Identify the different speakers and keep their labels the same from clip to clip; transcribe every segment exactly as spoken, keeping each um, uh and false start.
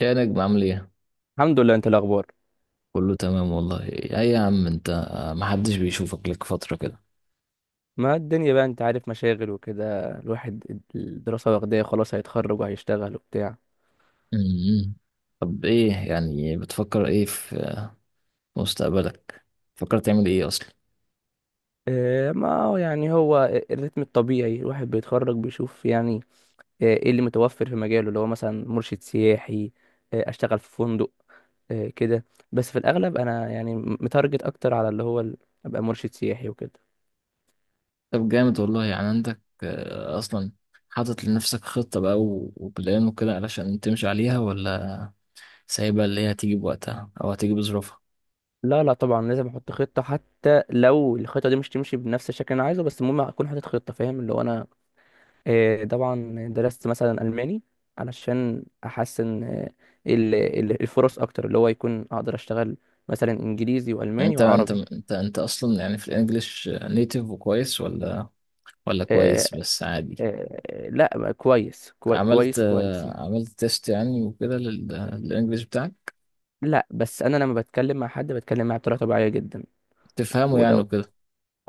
Speaker 1: يا نجم، عامل ايه؟
Speaker 2: الحمد لله. انت إيه الاخبار؟
Speaker 1: كله تمام والله. ايه يا عم انت، محدش بيشوفك، لك فترة كده.
Speaker 2: ما الدنيا بقى، انت عارف، مشاغل وكده، الواحد الدراسة واخداه، خلاص هيتخرج وهيشتغل وبتاع.
Speaker 1: أمم. طب ايه يعني، بتفكر ايه في مستقبلك؟ بتفكر تعمل ايه اصلا؟
Speaker 2: اه، ما هو يعني هو الريتم الطبيعي الواحد بيتخرج بيشوف يعني. اه، ايه اللي متوفر في مجاله، اللي هو مثلا مرشد سياحي. اه، اشتغل في فندق. اه، كده. بس في الاغلب انا يعني متارجت اكتر على اللي هو ال- ابقى مرشد سياحي وكده.
Speaker 1: طب جامد والله. يعني عندك آه، اصلا، حاطط لنفسك خطة بقى و- وبلان وكده علشان تمشي عليها، ولا سايبها اللي هي هتيجي بوقتها او هتيجي بظروفها؟
Speaker 2: لا لا، طبعا لازم احط خطة، حتى لو الخطة دي مش تمشي بنفس الشكل اللي انا عايزه، بس المهم اكون حاطط خطة، فاهم؟ اللي هو انا آه، طبعا درست مثلا ألماني علشان أحسن. آه، ال- ال- الفرص أكتر، اللي هو يكون أقدر أشتغل مثلا إنجليزي
Speaker 1: يعني
Speaker 2: وألماني
Speaker 1: انت انت
Speaker 2: وعربي.
Speaker 1: انت انت اصلا، يعني في الانجليش نيتيف وكويس، ولا ولا
Speaker 2: آه،
Speaker 1: كويس بس عادي؟
Speaker 2: آه، لا، كويس، كوي-
Speaker 1: عملت
Speaker 2: كويس كويس يعني.
Speaker 1: آه، عملت تيست يعني وكده لل- للانجليش بتاعك،
Speaker 2: لا، بس أنا لما بتكلم مع حد بتكلم معاه بطريقة طبيعية جدا.
Speaker 1: تفهمه يعني
Speaker 2: ولو
Speaker 1: وكده؟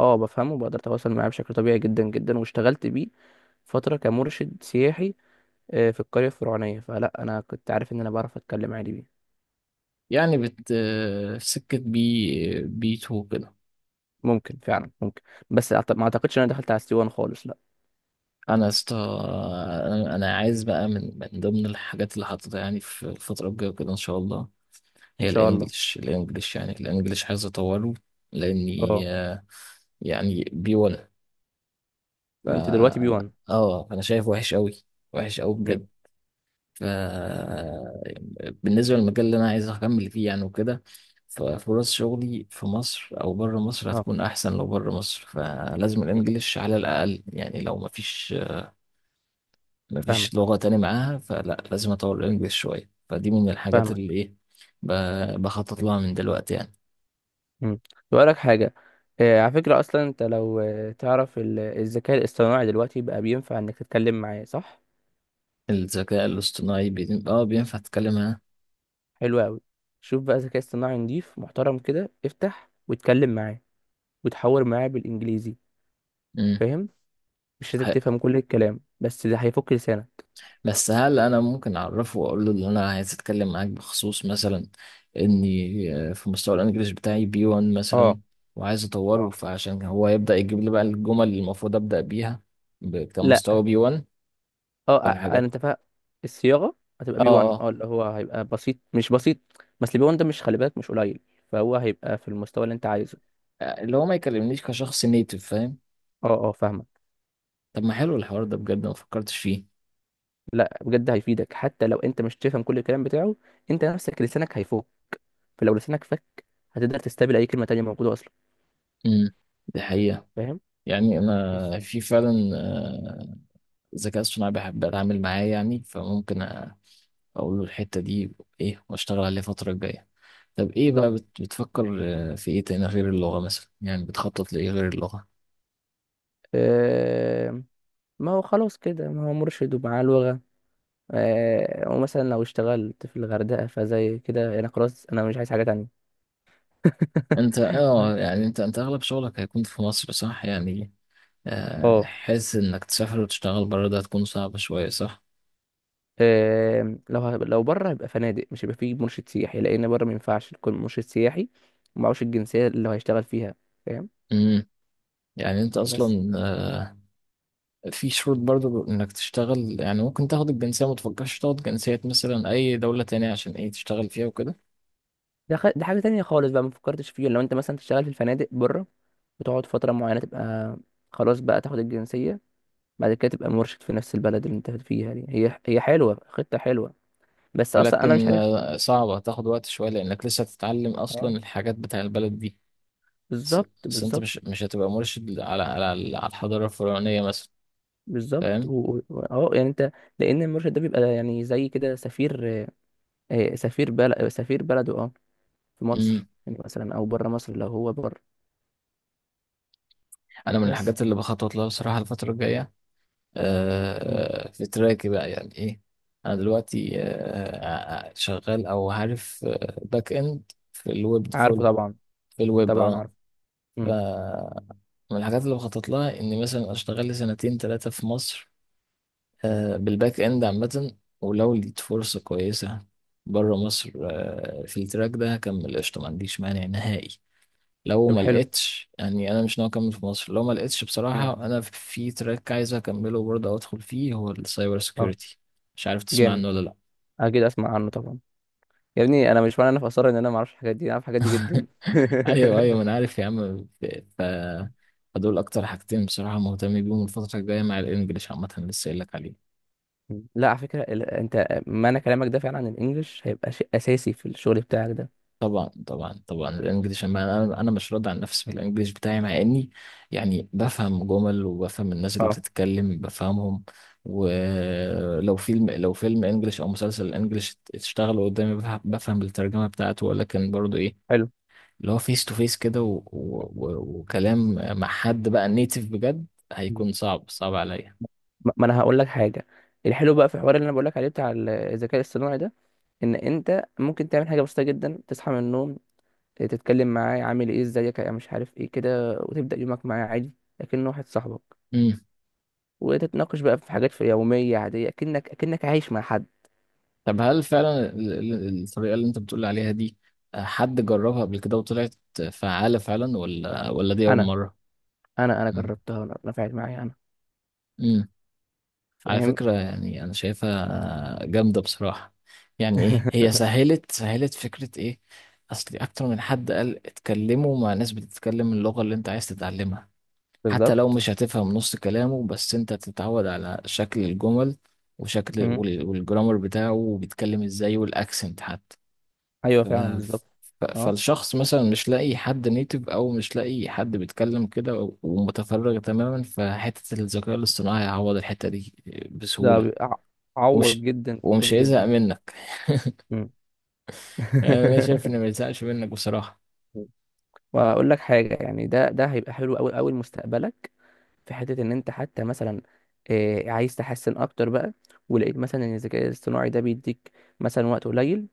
Speaker 2: اه بفهمه، بقدر أتواصل معاه بشكل طبيعي جدا جدا، واشتغلت بيه فترة كمرشد سياحي. آه، في القرية الفرعونية، فلا أنا كنت عارف إن أنا بعرف أتكلم عادي بيه.
Speaker 1: يعني بت آه، سكة بي بي 2 كده.
Speaker 2: ممكن، فعلا ممكن. بس أعت- ما أعتقدش إن أنا دخلت على السيوان خالص.
Speaker 1: انا يا اسطى، انا أنا عايز بقى، من من ضمن الحاجات اللي حاططها يعني في الفترة الجاية كده ان شاء الله،
Speaker 2: ان
Speaker 1: هي
Speaker 2: شاء الله.
Speaker 1: الانجليش الانجليش يعني الانجليش عايز اطوره، لاني
Speaker 2: اه.
Speaker 1: آه، يعني بي 1.
Speaker 2: انت دلوقتي بي واحد؟
Speaker 1: اه، انا شايف وحش قوي، وحش قوي
Speaker 2: مم.
Speaker 1: بجد. آه، بالنسبة للمجال اللي أنا عايز أكمل فيه يعني وكده، ففرص شغلي في مصر أو بره مصر
Speaker 2: اه.
Speaker 1: هتكون أحسن. لو بره مصر فلازم
Speaker 2: مم.
Speaker 1: الإنجليش على الأقل، يعني لو مفيش مفيش
Speaker 2: فاهمك،
Speaker 1: لغة تاني معاها، فلا لازم أطور الإنجليش شوية، فدي من الحاجات
Speaker 2: فاهمك.
Speaker 1: اللي إيه، ب- بخطط لها من دلوقتي يعني.
Speaker 2: امم. لك حاجه. آه، على فكره، اصلا انت لو آه، تعرف ال- الذكاء الاصطناعي دلوقتي بقى بينفع انك تتكلم معاه، صح؟
Speaker 1: الذكاء الاصطناعي، بي... آه بينفع تتكلم معاه.
Speaker 2: حلو قوي. شوف بقى ذكاء اصطناعي نضيف محترم كده، افتح واتكلم معاه وتحاور معاه بالانجليزي.
Speaker 1: مم.
Speaker 2: فاهم؟ مش لازم تفهم كل الكلام، بس ده هيفك لسانك.
Speaker 1: بس هل انا ممكن اعرفه واقول له ان انا عايز اتكلم معاك بخصوص مثلا اني آه، في مستوى الانجليش بتاعي بي 1
Speaker 2: اه.
Speaker 1: مثلا، وعايز اطوره،
Speaker 2: اه.
Speaker 1: فعشان هو يبدا يجيب لي بقى الجمل اللي المفروض ابدا بيها ب-
Speaker 2: لا.
Speaker 1: كمستوى بي 1،
Speaker 2: اه،
Speaker 1: او
Speaker 2: ع- انا
Speaker 1: الحاجات.
Speaker 2: انت فاهم، الصياغه هتبقى
Speaker 1: اه،
Speaker 2: بي واحد.
Speaker 1: اه.
Speaker 2: اه، اللي هو هيبقى بسيط، مش بسيط. بس البي واحد ده، مش خلي بالك، مش قليل. فهو هيبقى في المستوى اللي انت عايزه.
Speaker 1: آه، اللي هو ما يكلمنيش كشخص نيتف، فاهم؟
Speaker 2: اه، اه، فاهمك.
Speaker 1: طب ما حلو الحوار ده بجد، ما فكرتش فيه.
Speaker 2: لا، بجد هيفيدك. حتى لو انت مش تفهم كل الكلام بتاعه، انت نفسك لسانك هيفوق. فلو لسانك فك، هتقدر تستقبل اي كلمه تانية موجوده اصلا.
Speaker 1: امم. دي حقيقة.
Speaker 2: فاهم.
Speaker 1: يعني
Speaker 2: بس.
Speaker 1: انا في فعلا آه، ذكاء اصطناعي بحب اتعامل معاه، يعني فممكن اقول له الحتة دي ايه، واشتغل عليها الفترة الجاية. طب ايه
Speaker 2: بالظبط.
Speaker 1: بقى، بت- بتفكر آه، في ايه تاني غير اللغة، مثلا؟ يعني بتخطط لايه غير اللغة؟
Speaker 2: آه، ما هو خلاص كده، ما هو مرشد ومعاه لغه. آه، ومثلا لو اشتغلت في الغردقه، فزي كده انا خلاص، انا مش عايز حاجه تانية.
Speaker 1: انت اه يعني انت انت اغلب شغلك هيكون في مصر صح يعني؟ آه،
Speaker 2: اه.
Speaker 1: حاسس انك تسافر وتشتغل بره ده هتكون صعبة شوية، صح؟
Speaker 2: آم، لو ه- لو بره هيبقى فنادق، مش هيبقى فيه مرشد سياحي. لان بره ما ينفعش يكون مرشد سياحي ومعهوش الجنسيه اللي هو هيشتغل فيها. فاهم؟
Speaker 1: امم. يعني انت
Speaker 2: بس
Speaker 1: اصلا آه، في شروط برضو انك تشتغل، يعني ممكن تاخد الجنسية. ما تفكرش تاخد جنسية مثلا اي دولة تانية عشان ايه تشتغل فيها وكده؟
Speaker 2: ده خ... ده حاجه تانية خالص بقى، ما فكرتش فيه. لو انت مثلا تشتغل في الفنادق بره، وتقعد فتره معينه، تبقى خلاص بقى تاخد الجنسيه. بعد كده تبقى مرشد في نفس البلد اللي انت فيها دي. هي هي حلوه، خطه حلوه. بس اصلا انا مش
Speaker 1: ولكن
Speaker 2: عارف.
Speaker 1: آه، صعبة، هتاخد وقت شوية، لأنك لسه هتتعلم أصلا
Speaker 2: اه.
Speaker 1: الحاجات بتاع البلد دي. بس،
Speaker 2: بالظبط،
Speaker 1: بس أنت
Speaker 2: بالظبط.
Speaker 1: مش مش هتبقى مرشد على على على الحضارة الفرعونية مثلا،
Speaker 2: بالظبط
Speaker 1: فاهم؟
Speaker 2: و- و- و- اه يعني انت، لان المرشد ده بيبقى يعني زي كده سفير. آه، سفير بلد، سفير بلده، اه، في
Speaker 1: مم.
Speaker 2: مصر يعني مثلا، او بره مصر لو هو بره.
Speaker 1: أنا من
Speaker 2: بس.
Speaker 1: الحاجات اللي بخطط لها بصراحة الفترة الجاية،
Speaker 2: مم.
Speaker 1: آه، في تراكي بقى، يعني إيه. أنا دلوقتي آه، آه، آه، شغال، أو عارف، باك إند في الويب
Speaker 2: عارفه
Speaker 1: فول،
Speaker 2: طبعا.
Speaker 1: في الويب.
Speaker 2: طبعا
Speaker 1: أه
Speaker 2: عارفه.
Speaker 1: ف-
Speaker 2: امم.
Speaker 1: من الحاجات اللي بخطط لها إني مثلا أشتغل لي سنتين تلاتة في مصر آه، بالباك اند عامة، ولو لقيت فرصة كويسة بره مصر آه، في التراك ده هكمل، قشطة، ما عنديش مانع نهائي. لو
Speaker 2: طب
Speaker 1: ما
Speaker 2: حلو.
Speaker 1: لقيتش، يعني انا مش ناوي اكمل في مصر. لو ما لقيتش
Speaker 2: مم.
Speaker 1: بصراحة، انا في تراك عايز اكمله برضه، او ادخل فيه، هو السايبر
Speaker 2: اه.
Speaker 1: سيكيورتي، مش عارف تسمع
Speaker 2: جامد.
Speaker 1: عنه ولا لا.
Speaker 2: اكيد اسمع عنه طبعا. يا ابني انا، مش معنى انا في اثار ان انا ما اعرفش الحاجات دي، انا اعرف الحاجات دي جدا.
Speaker 1: ايوه ايوه، ما انا عارف يا عم. ف فدول اكتر حاجتين بصراحة مهتم بيهم الفترة الجاية، مع الانجليش عامة لسه قايل لك عليهم.
Speaker 2: مم. لا، على فكره، ال- انت معنى كلامك ده، فعلا الانجليش هيبقى شيء اساسي في الشغل بتاعك ده.
Speaker 1: طبعا طبعا طبعا الانجليش، أما انا انا مش راضي عن نفسي في الانجليش بتاعي، مع اني يعني بفهم جمل، وبفهم الناس اللي
Speaker 2: اه.
Speaker 1: بتتكلم بفهمهم. ولو فيلم، لو فيلم انجليش او مسلسل انجليش اشتغل قدامي، بفهم بفهم الترجمه بتاعته، ولكن برضو ايه،
Speaker 2: حلو.
Speaker 1: اللي هو فيس تو فيس كده، و- و- و- وكلام مع حد بقى نيتيف بجد،
Speaker 2: مم.
Speaker 1: هيكون صعب صعب عليا.
Speaker 2: ما ما انا هقول لك حاجه. الحلو بقى في الحوار اللي انا بقول لك عليه، بتاع ال- الذكاء الاصطناعي ده، ان انت ممكن تعمل حاجه بسيطه جدا. تصحى من النوم، تتكلم معاه، عامل ايه، ازيك، يا مش عارف ايه كده، وتبدأ يومك معاه عادي لكنه واحد صاحبك.
Speaker 1: امم.
Speaker 2: وتتناقش بقى في حاجات في يومية عادية، اكنك اكنك عايش مع حد.
Speaker 1: طب هل فعلا ال- ال- الطريقة اللي انت بتقول عليها دي آه، حد جربها قبل كده وطلعت فعالة فعلا، ولا ولا دي أول
Speaker 2: انا
Speaker 1: مرة؟
Speaker 2: انا انا
Speaker 1: مم.
Speaker 2: جربتها انا، نفعت معايا انا.
Speaker 1: مم. على
Speaker 2: فاهم.
Speaker 1: فكرة، يعني أنا شايفها جامدة بصراحة، يعني إيه هي سهلت سهلت فكرة إيه. أصل أكتر من حد قال اتكلموا مع ناس بتتكلم اللغة اللي أنت عايز تتعلمها، حتى لو
Speaker 2: بالظبط.
Speaker 1: مش هتفهم نص كلامه، بس أنت تتعود على شكل الجمل وشكل
Speaker 2: مم.
Speaker 1: وال- والجرامر بتاعه، وبيتكلم إزاي، والأكسنت حتى.
Speaker 2: ايوه
Speaker 1: ف...
Speaker 2: فعلا، بالظبط.
Speaker 1: ف...
Speaker 2: اه.
Speaker 1: فالشخص مثلا مش لاقي حد نيتف، او مش لاقي حد بيتكلم كده و- ومتفرغ تماما، فحتة الذكاء الاصطناعي هيعوض الحتة دي
Speaker 2: ده
Speaker 1: بسهولة.
Speaker 2: بي- ع- عوض
Speaker 1: ومش
Speaker 2: جدا جدا
Speaker 1: ومش هيزهق
Speaker 2: جدا.
Speaker 1: منك.
Speaker 2: مم.
Speaker 1: يعني انا شايف انه ما يزهقش منك بصراحة.
Speaker 2: واقول لك حاجه يعني، ده ده هيبقى حلو قوي قوي لمستقبلك. في حته ان انت حتى مثلا آه، عايز تحسن اكتر بقى، ولقيت مثلا ان الذكاء الاصطناعي ده بيديك مثلا وقت قليل،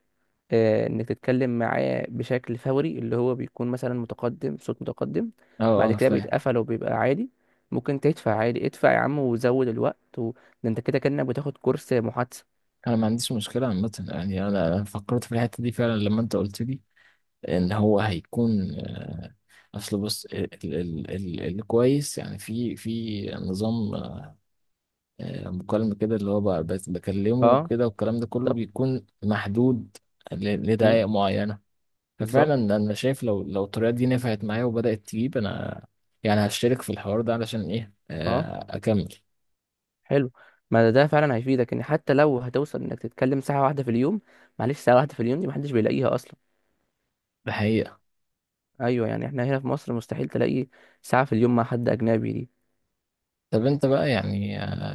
Speaker 2: آه، انك تتكلم معاه بشكل فوري، اللي هو بيكون مثلا متقدم، صوت متقدم.
Speaker 1: اه
Speaker 2: بعد
Speaker 1: اه،
Speaker 2: كده
Speaker 1: فاهم.
Speaker 2: بيتقفل وبيبقى عادي. ممكن تدفع عادي، ادفع يا عم وزود الوقت و... ده انت كده كأنك بتاخد كورس محادثة.
Speaker 1: انا ما عنديش مشكلة عامة، يعني انا أنا فكرت في الحتة دي فعلا لما انت قلت لي ان هو هيكون آه، اصل، بص، ال ال ال الكويس يعني، في في نظام آه، مكالمة كده، اللي هو بقى بس بكلمه
Speaker 2: اه،
Speaker 1: وكده، والكلام ده كله
Speaker 2: بالظبط.
Speaker 1: بيكون محدود ل-
Speaker 2: مم،
Speaker 1: لدقائق معينة.
Speaker 2: بالظبط.
Speaker 1: ففعلا أنا شايف، لو لو الطريقة دي نفعت معايا وبدأت تجيب، أنا يعني هشترك في الحوار ده علشان إيه،
Speaker 2: اه،
Speaker 1: آه، أكمل.
Speaker 2: حلو. ما ده ده فعلا هيفيدك، ان حتى لو هتوصل انك تتكلم ساعة واحدة في اليوم. معلش، ساعة واحدة في اليوم دي محدش بيلاقيها اصلا.
Speaker 1: بحقيقة.
Speaker 2: ايوه، يعني احنا هنا في مصر مستحيل تلاقي ساعة في اليوم مع حد اجنبي دي.
Speaker 1: طب أنت بقى يعني آه،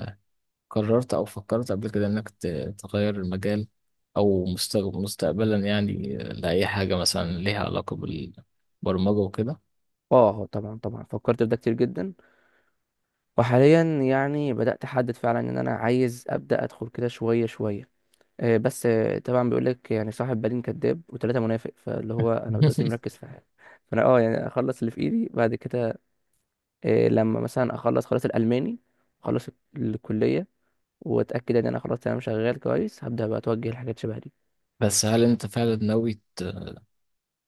Speaker 1: قررت أو فكرت قبل كده إنك ت- تغير المجال، أو مستق- مستقبلا يعني آه، لأي حاجة مثلا ليها علاقة بالبرمجة وكده؟
Speaker 2: اه طبعا، طبعا فكرت في ده كتير جدا. وحاليا يعني بدأت احدد فعلا ان انا عايز ابدأ ادخل كده شوية شوية. آه، بس آه، طبعا بيقول لك يعني، صاحب بالين كذاب وثلاثة منافق. فاللي هو انا دلوقتي مركز في حاجة، فانا اه يعني اخلص اللي في ايدي، بعد كده آه، لما مثلا اخلص خلاص الالماني، اخلص الكلية، واتاكد ان انا خلاص انا شغال كويس، هبدا بقى اتوجه لحاجات شبه دي.
Speaker 1: بس هل أنت فعلا ناوي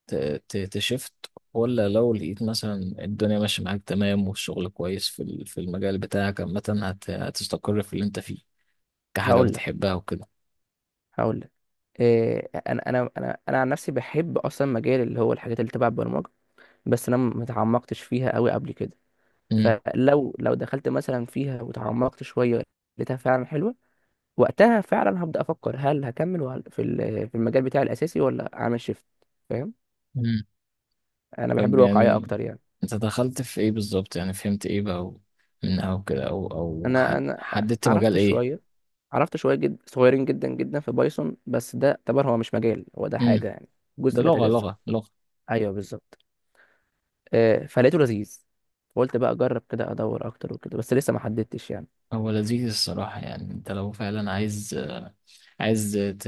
Speaker 1: ت- ت- تشفت، ولا لو لقيت مثلا الدنيا ماشية معاك تمام، والشغل كويس في ال- في المجال بتاعك عامة، هت- هتستقر في اللي انت فيه كحاجة
Speaker 2: هقول لك،
Speaker 1: بتحبها وكده؟
Speaker 2: هقول لك إيه، انا انا انا انا عن نفسي بحب اصلا مجال اللي هو الحاجات اللي تبع البرمجه. بس انا ما اتعمقتش فيها قوي قبل كده.
Speaker 1: مم.
Speaker 2: فلو لو دخلت مثلا فيها وتعمقت شويه، لقيتها فعلا حلوه، وقتها فعلا هبدا افكر هل هكمل وهل- في ال- في المجال بتاعي الاساسي، ولا اعمل شيفت. فاهم.
Speaker 1: مم.
Speaker 2: انا بحب
Speaker 1: طب
Speaker 2: الواقعيه
Speaker 1: يعني
Speaker 2: اكتر يعني.
Speaker 1: انت دخلت في ايه بالظبط؟ يعني فهمت ايه بقى و- من، او كده، او او
Speaker 2: انا
Speaker 1: حد،
Speaker 2: انا
Speaker 1: حددت مجال
Speaker 2: عرفت
Speaker 1: ايه؟
Speaker 2: شويه، عرفت شويه جد صغيرين جدا جدا في بايثون. بس ده اعتبر هو مش مجال، هو ده
Speaker 1: مم.
Speaker 2: حاجه يعني
Speaker 1: ده
Speaker 2: جزء لا
Speaker 1: لغة
Speaker 2: يتجزأ.
Speaker 1: لغة لغة.
Speaker 2: ايوه، بالظبط. آه، فلقيته لذيذ. قلت بقى اجرب كده، ادور اكتر وكده، بس لسه ما حددتش يعني.
Speaker 1: هو لذيذ الصراحة، يعني انت لو فعلا عايز، عايز ت...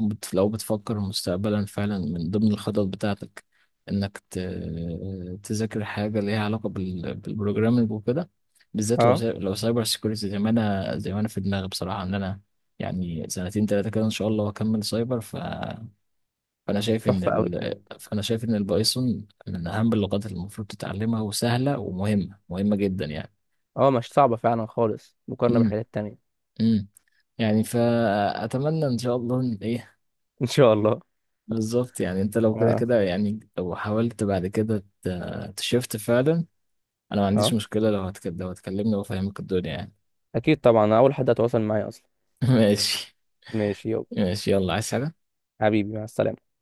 Speaker 1: بت- لو بتفكر مستقبلا فعلا من ضمن الخطط بتاعتك انك ت... تذاكر حاجة ليها علاقة بال... بالبروجرامينج وكده، بالذات لو
Speaker 2: اه،
Speaker 1: ساي... لو سايبر سيكوريتي زي ما انا، زي ما انا في دماغي بصراحة ان انا يعني سنتين تلاتة كده ان شاء الله واكمل سايبر. ف... فانا شايف ان،
Speaker 2: تحفه قوي بجد.
Speaker 1: ال... فانا شايف ان البايثون من اهم اللغات اللي المفروض تتعلمها، وسهلة،
Speaker 2: مم.
Speaker 1: ومهمة مهمة جدا يعني.
Speaker 2: اه، مش صعبه فعلا خالص مقارنه
Speaker 1: امم.
Speaker 2: بالحاجات التانية.
Speaker 1: امم. يعني فأتمنى إن شاء الله إن إيه.
Speaker 2: ان شاء الله.
Speaker 1: بالظبط، يعني أنت لو كده
Speaker 2: اه،
Speaker 1: كده يعني، لو حاولت بعد كده ت- تشفت فعلا، أنا ما
Speaker 2: اه.
Speaker 1: عنديش مشكلة. لو هتكلم لو هتكلمني وأفهمك الدنيا يعني.
Speaker 2: اكيد طبعا، أنا اول حد هتواصل معايا اصلا.
Speaker 1: ماشي.
Speaker 2: ماشي يلا.
Speaker 1: ماشي يلا، عايز حاجة؟
Speaker 2: حبيبي مع السلامه.